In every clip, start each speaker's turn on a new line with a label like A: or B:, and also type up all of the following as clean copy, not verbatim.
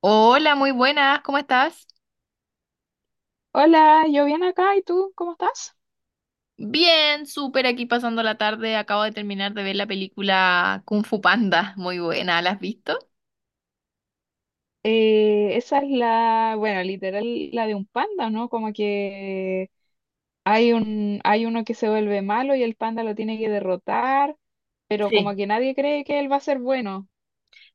A: Hola, muy buenas, ¿cómo estás?
B: Hola, yo bien acá, ¿y tú cómo estás?
A: Bien, súper aquí pasando la tarde. Acabo de terminar de ver la película Kung Fu Panda, muy buena, ¿la has visto?
B: Esa es bueno, literal, la de un panda, ¿no? Como que hay uno que se vuelve malo y el panda lo tiene que derrotar, pero como
A: Sí,
B: que nadie cree que él va a ser bueno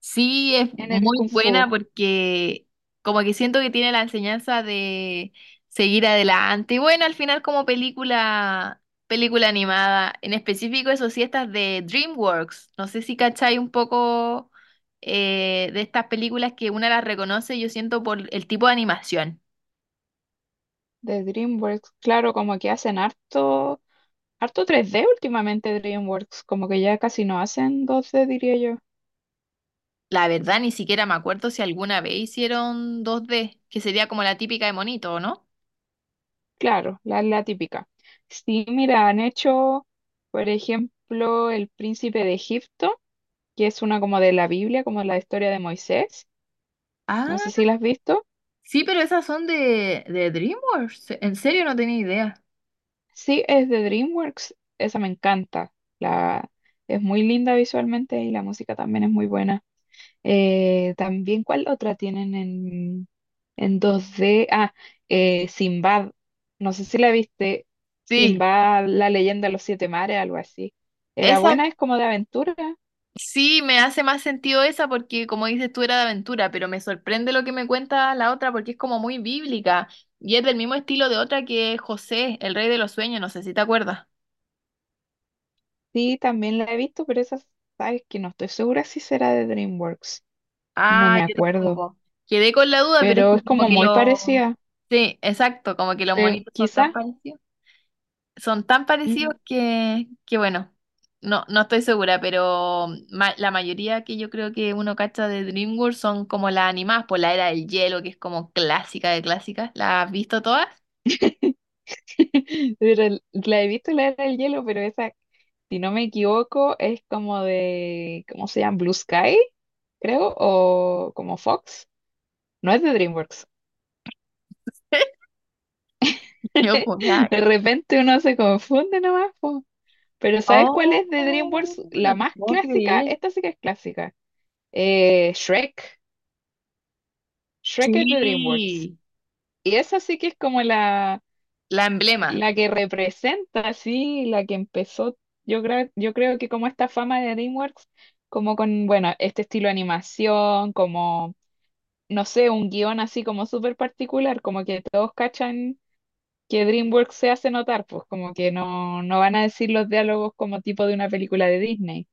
A: sí, es
B: en el
A: muy
B: Kung
A: buena
B: Fu
A: porque como que siento que tiene la enseñanza de seguir adelante. Y bueno, al final como película, película animada, en específico eso sí, estas de DreamWorks. No sé si cacháis un poco de estas películas que una las reconoce, yo siento por el tipo de animación.
B: de DreamWorks. Claro, como que hacen harto, harto 3D últimamente DreamWorks, como que ya casi no hacen 2D, diría yo.
A: La verdad, ni siquiera me acuerdo si alguna vez hicieron 2D, que sería como la típica de monito, ¿o no?
B: Claro, la típica. Sí, mira, han hecho, por ejemplo, El Príncipe de Egipto, que es una como de la Biblia, como la historia de Moisés. No
A: Ah,
B: sé si la has visto.
A: sí, pero esas son de DreamWorks. En serio, no tenía idea.
B: Sí, es de DreamWorks. Esa me encanta. La, es muy linda visualmente y la música también es muy buena. También, ¿cuál otra tienen en 2D? Ah, Sinbad. No sé si la viste.
A: Sí,
B: Sinbad, la leyenda de los siete mares, algo así. Era
A: esa
B: buena, es como de aventura.
A: sí me hace más sentido esa porque como dices tú era de aventura, pero me sorprende lo que me cuenta la otra porque es como muy bíblica y es del mismo estilo de otra que es José, el rey de los sueños, no sé si te acuerdas.
B: Sí, también la he visto, pero esa, sabes que no estoy segura si será de DreamWorks. No
A: Ah,
B: me
A: yo
B: acuerdo.
A: tampoco. Quedé con la duda, pero es
B: Pero
A: que
B: es
A: como
B: como
A: que
B: muy
A: lo...
B: parecida.
A: Sí, exacto, como que los monitos son tan
B: Quizá,
A: parecidos. Son tan parecidos
B: mm,
A: que bueno, no, no estoy segura, pero la mayoría que yo creo que uno cacha de DreamWorks son como las animadas por la Era del Hielo, que es como clásica de clásicas. ¿Las has visto todas?
B: pero la he visto la era del hielo, pero esa, si no me equivoco, es como de, ¿cómo se llama? Blue Sky, creo, o como Fox. No es de DreamWorks.
A: Yo juraba-
B: De repente uno se confunde nomás, po. Pero ¿sabes cuál es de
A: Oh,
B: DreamWorks? La
A: no te
B: más
A: puedo
B: clásica,
A: creer.
B: esta sí que es clásica. Shrek. Shrek es de DreamWorks.
A: Sí,
B: Y esa sí que es como la
A: la emblema.
B: La que representa, sí, la que empezó, yo creo que como esta fama de DreamWorks, como con, bueno, este estilo de animación, como, no sé, un guión así como súper particular, como que todos cachan que DreamWorks se hace notar, pues como que no, no van a decir los diálogos como tipo de una película de Disney.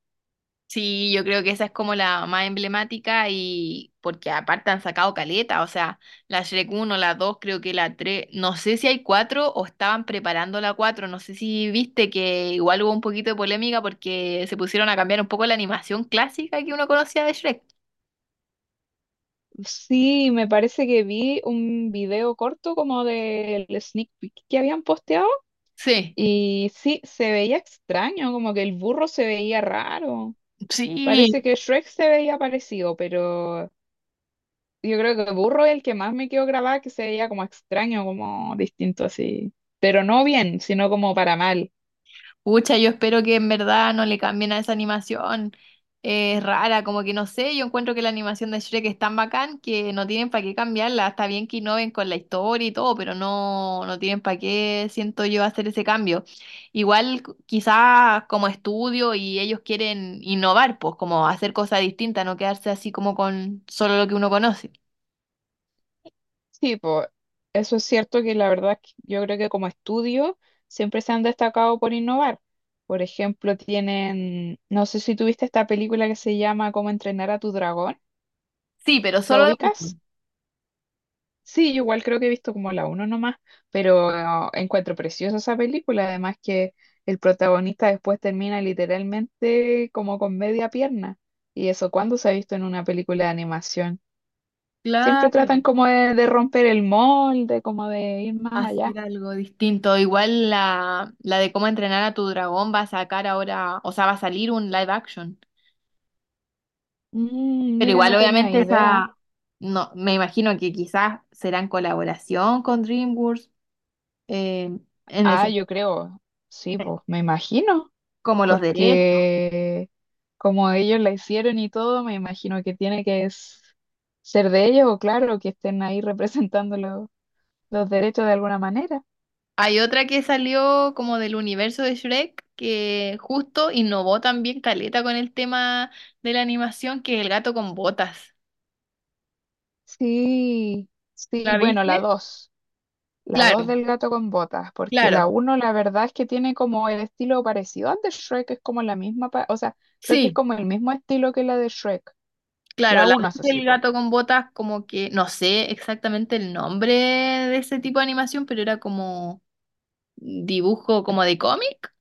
A: Sí, yo creo que esa es como la más emblemática y porque aparte han sacado caleta, o sea, la Shrek uno, la dos, creo que la tres, no sé si hay 4 o estaban preparando la cuatro, no sé si viste que igual hubo un poquito de polémica porque se pusieron a cambiar un poco la animación clásica que uno conocía de Shrek.
B: Sí, me parece que vi un video corto como del sneak peek que habían posteado
A: Sí,
B: y sí, se veía extraño, como que el burro se veía raro.
A: sí.
B: Parece que Shrek se veía parecido, pero yo creo que Burro es el que más me quedó grabado, que se veía como extraño, como distinto así. Pero no bien, sino como para mal.
A: Pucha, yo espero que en verdad no le cambien a esa animación. Es rara, como que no sé, yo encuentro que la animación de Shrek es tan bacán que no tienen para qué cambiarla. Está bien que innoven con la historia y todo, pero no, no tienen para qué, siento yo, hacer ese cambio. Igual quizás como estudio y ellos quieren innovar, pues como hacer cosas distintas, no quedarse así como con solo lo que uno conoce.
B: Sí, pues eso es cierto que la verdad que yo creo que como estudio siempre se han destacado por innovar. Por ejemplo, tienen, no sé si tuviste esta película que se llama Cómo entrenar a tu dragón.
A: Sí, pero
B: ¿La
A: solo lo mismo.
B: ubicas? Sí, yo igual creo que he visto como la uno nomás, pero encuentro preciosa esa película, además que el protagonista después termina literalmente como con media pierna. ¿Y eso, cuando se ha visto en una película de animación? Siempre
A: Claro.
B: tratan como de romper el molde, como de ir más allá.
A: Hacer algo distinto. Igual la de cómo entrenar a tu dragón va a sacar ahora, o sea, va a salir un live action. Pero
B: Mira,
A: igual,
B: no tenía
A: obviamente,
B: idea.
A: esa, no, me imagino que quizás será en colaboración con DreamWorks, eh, en
B: Ah,
A: ese,
B: yo creo, sí, pues me imagino.
A: como los derechos.
B: Porque como ellos la hicieron y todo, me imagino que tiene que ser de ellos o claro, que estén ahí representando los derechos de alguna manera.
A: Hay otra que salió como del universo de Shrek, que justo innovó también caleta con el tema de la animación, que es el gato con botas.
B: Sí, sí,
A: ¿La
B: bueno,
A: viste?
B: la dos
A: Claro,
B: del gato con botas, porque la
A: claro.
B: uno la verdad es que tiene como el estilo parecido al de Shrek, es como la misma, o sea, creo que es
A: Sí.
B: como el mismo estilo que la de Shrek,
A: Claro,
B: la
A: la voz
B: uno, eso sí,
A: del
B: po.
A: gato con botas, como que no sé exactamente el nombre de ese tipo de animación, pero era como dibujo como de cómic.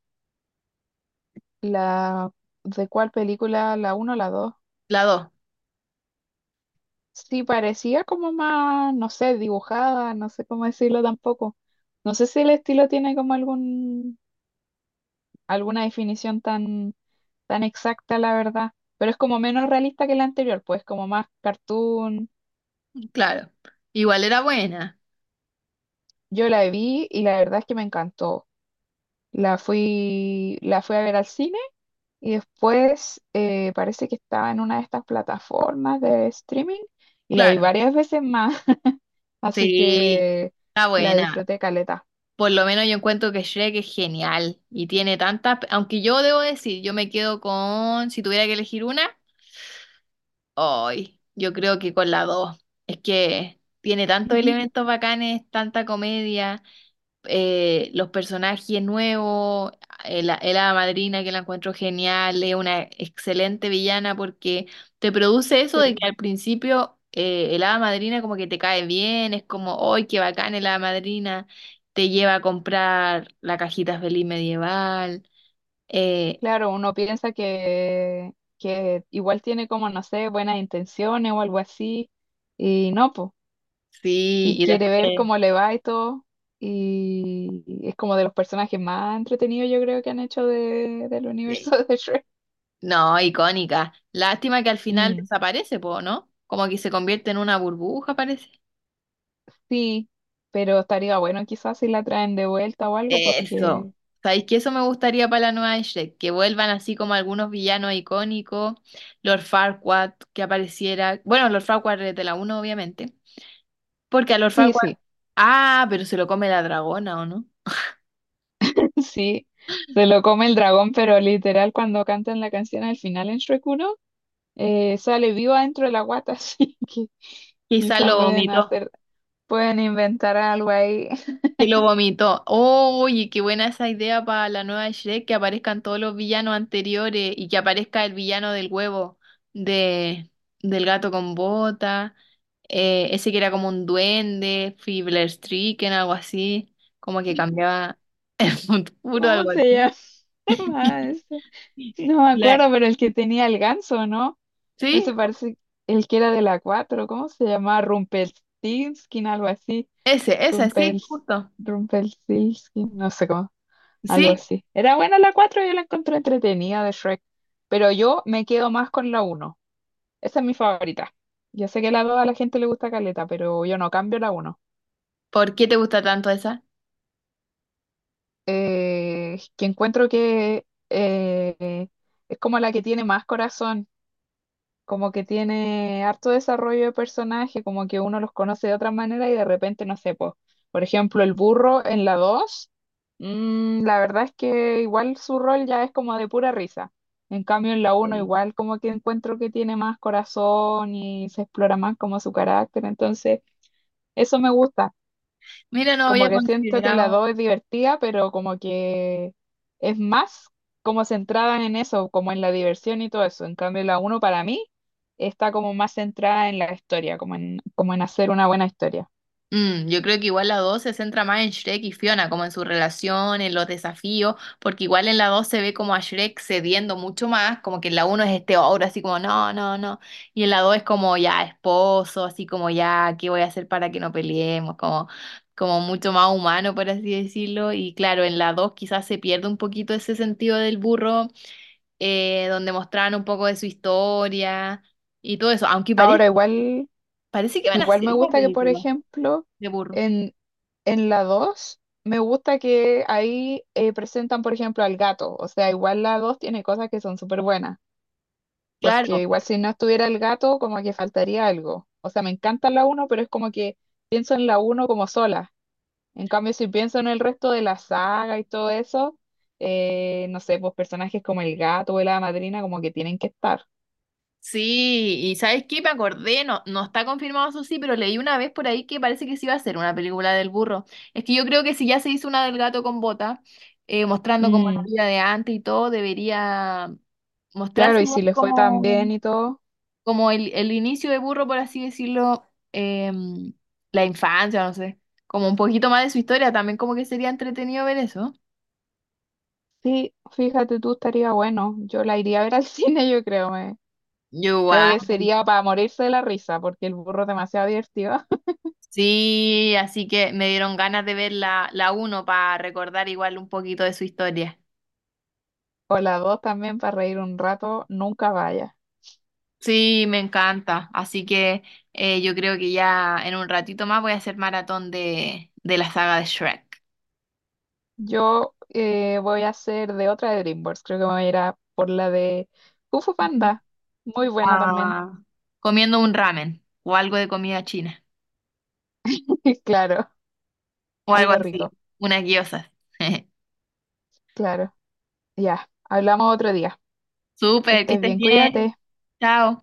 B: La, ¿de cuál película? La uno, o la dos.
A: La dos,
B: Sí, parecía como más, no sé, dibujada, no sé cómo decirlo tampoco. No sé si el estilo tiene como algún, alguna definición tan, tan exacta, la verdad, pero es como menos realista que la anterior, pues como más cartoon.
A: claro. Igual era buena,
B: Yo la vi y la verdad es que me encantó. La fui a ver al cine y después parece que estaba en una de estas plataformas de streaming y la vi
A: claro.
B: varias veces más, así
A: Sí,
B: que
A: está
B: la
A: buena.
B: disfruté caleta.
A: Por lo menos yo encuentro que Shrek es genial y tiene tantas, aunque yo debo decir, yo me quedo con, si tuviera que elegir una, hoy, yo creo que con la dos. Es que tiene tantos elementos bacanes, tanta comedia. Los personajes nuevos, el hada madrina que la encuentro genial, es una excelente villana porque te produce eso
B: Sí.
A: de que al principio el hada madrina como que te cae bien, es como, ¡ay, qué bacán el hada madrina! Te lleva a comprar la cajita feliz medieval, eh,
B: Claro, uno piensa que igual tiene como, no sé, buenas intenciones o algo así, y no, pues, y
A: sí, y
B: quiere ver
A: después,
B: cómo le va y todo, y es como de los personajes más entretenidos yo creo que han hecho del universo
A: eh,
B: de Shrek.
A: no, icónica. Lástima que al final
B: Mm,
A: desaparece, po, ¿no? Como que se convierte en una burbuja, parece.
B: sí, pero estaría bueno quizás si la traen de vuelta o algo, porque
A: Eso. ¿Sabéis que eso me gustaría para la nueva de Shrek? Que vuelvan así como algunos villanos icónicos, Lord Farquaad, que apareciera. Bueno, Lord Farquaad es de la uno obviamente. Porque a Lord
B: sí,
A: Farquaad.
B: sí,
A: Ah, pero se lo come la dragona, ¿o no?
B: sí, se lo come el dragón, pero literal cuando cantan la canción al final en Shrek uno. Sale viva dentro de la guata, así que
A: Quizá
B: quizá
A: lo vomitó.
B: pueden inventar algo ahí.
A: Que lo vomitó. Oye, qué buena esa idea para la nueva Shrek, que aparezcan todos los villanos anteriores y que aparezca el villano del huevo de, del gato con bota, ese que era como un duende, Stricken, algo así, como que cambiaba un puro,
B: ¿Cómo
A: algo
B: se
A: así.
B: llama ese? No me
A: La-
B: acuerdo, pero el que tenía el ganso, ¿no?
A: ¿Sí?
B: Ese parece el que era de la 4. ¿Cómo se llamaba? Rumpelstiltskin, algo así.
A: Ese, esa, sí,
B: Rumpels,
A: justo.
B: Rumpelstiltskin, no sé cómo, algo
A: Sí,
B: así. Era buena la 4, yo la encontré entretenida de Shrek, pero yo me quedo más con la uno. Esa es mi favorita. Yo sé que la 2 a la gente le gusta caleta, pero yo no cambio la uno.
A: ¿por qué te gusta tanto esa?
B: Que encuentro que es como la que tiene más corazón, como que tiene harto desarrollo de personaje, como que uno los conoce de otra manera y de repente, no sé, po, por ejemplo, el burro en la 2 la verdad es que igual su rol ya es como de pura risa. En cambio, en la uno
A: Sí.
B: igual como que encuentro que tiene más corazón y se explora más como su carácter, entonces... Eso me gusta.
A: Mira, no
B: Como
A: había
B: que siento que la
A: considerado.
B: 2 es divertida, pero como que es más como centrada en eso, como en la diversión y todo eso. En cambio, la uno para mí está como más centrada en la historia, como en, como en hacer una buena historia.
A: Mm, yo creo que igual la 2 se centra más en Shrek y Fiona, como en su relación, en los desafíos, porque igual en la 2 se ve como a Shrek cediendo mucho más, como que en la uno es este ogro así como no, no, no, y en la 2 es como ya esposo, así como ya, ¿qué voy a hacer para que no peleemos? Como, como mucho más humano, por así decirlo, y claro, en la 2 quizás se pierde un poquito ese sentido del burro, donde mostraban un poco de su historia y todo eso, aunque parece,
B: Ahora, igual,
A: parece que van a
B: igual
A: hacer
B: me
A: una
B: gusta que, por
A: película
B: ejemplo,
A: de burro.
B: en, en, la 2 me gusta que ahí presentan, por ejemplo, al gato. O sea, igual la 2 tiene cosas que son súper buenas.
A: Claro,
B: Porque igual si no estuviera el gato, como que faltaría algo. O sea, me encanta la uno pero es como que pienso en la uno como sola. En cambio, si pienso en el resto de la saga y todo eso, no sé, pues personajes como el gato o la madrina como que tienen que estar.
A: sí, y ¿sabes qué? Me acordé, no, no está confirmado eso sí, pero leí una vez por ahí que parece que sí iba a ser una película del burro. Es que yo creo que si ya se hizo una del gato con bota, mostrando como la
B: Mm,
A: vida de antes y todo, debería
B: claro,
A: mostrarse
B: y
A: igual
B: si le fue tan
A: como,
B: bien y todo.
A: como el inicio de burro, por así decirlo, em, la infancia, no sé, como un poquito más de su historia, también como que sería entretenido ver eso.
B: Sí, fíjate tú, estaría bueno. Yo la iría a ver al cine, yo creo. Me.
A: Yo
B: Creo
A: igual.
B: que sería para morirse de la risa, porque el burro es demasiado divertido.
A: Sí, así que me dieron ganas de ver la, la uno para recordar igual un poquito de su historia.
B: O las dos también para reír un rato, nunca vaya.
A: Sí, me encanta. Así que yo creo que ya en un ratito más voy a hacer maratón de la saga de Shrek.
B: Yo voy a hacer de otra de DreamWorks, creo que me voy a ir a por la de Kung Fu
A: Ujú.
B: Panda, muy buena también,
A: Ah, comiendo un ramen o algo de comida china
B: claro,
A: o algo
B: algo
A: así,
B: rico,
A: unas gyozas.
B: claro, ya, hablamos otro día, que
A: Súper, que
B: estés
A: estés
B: bien,
A: bien.
B: cuídate.
A: Chao.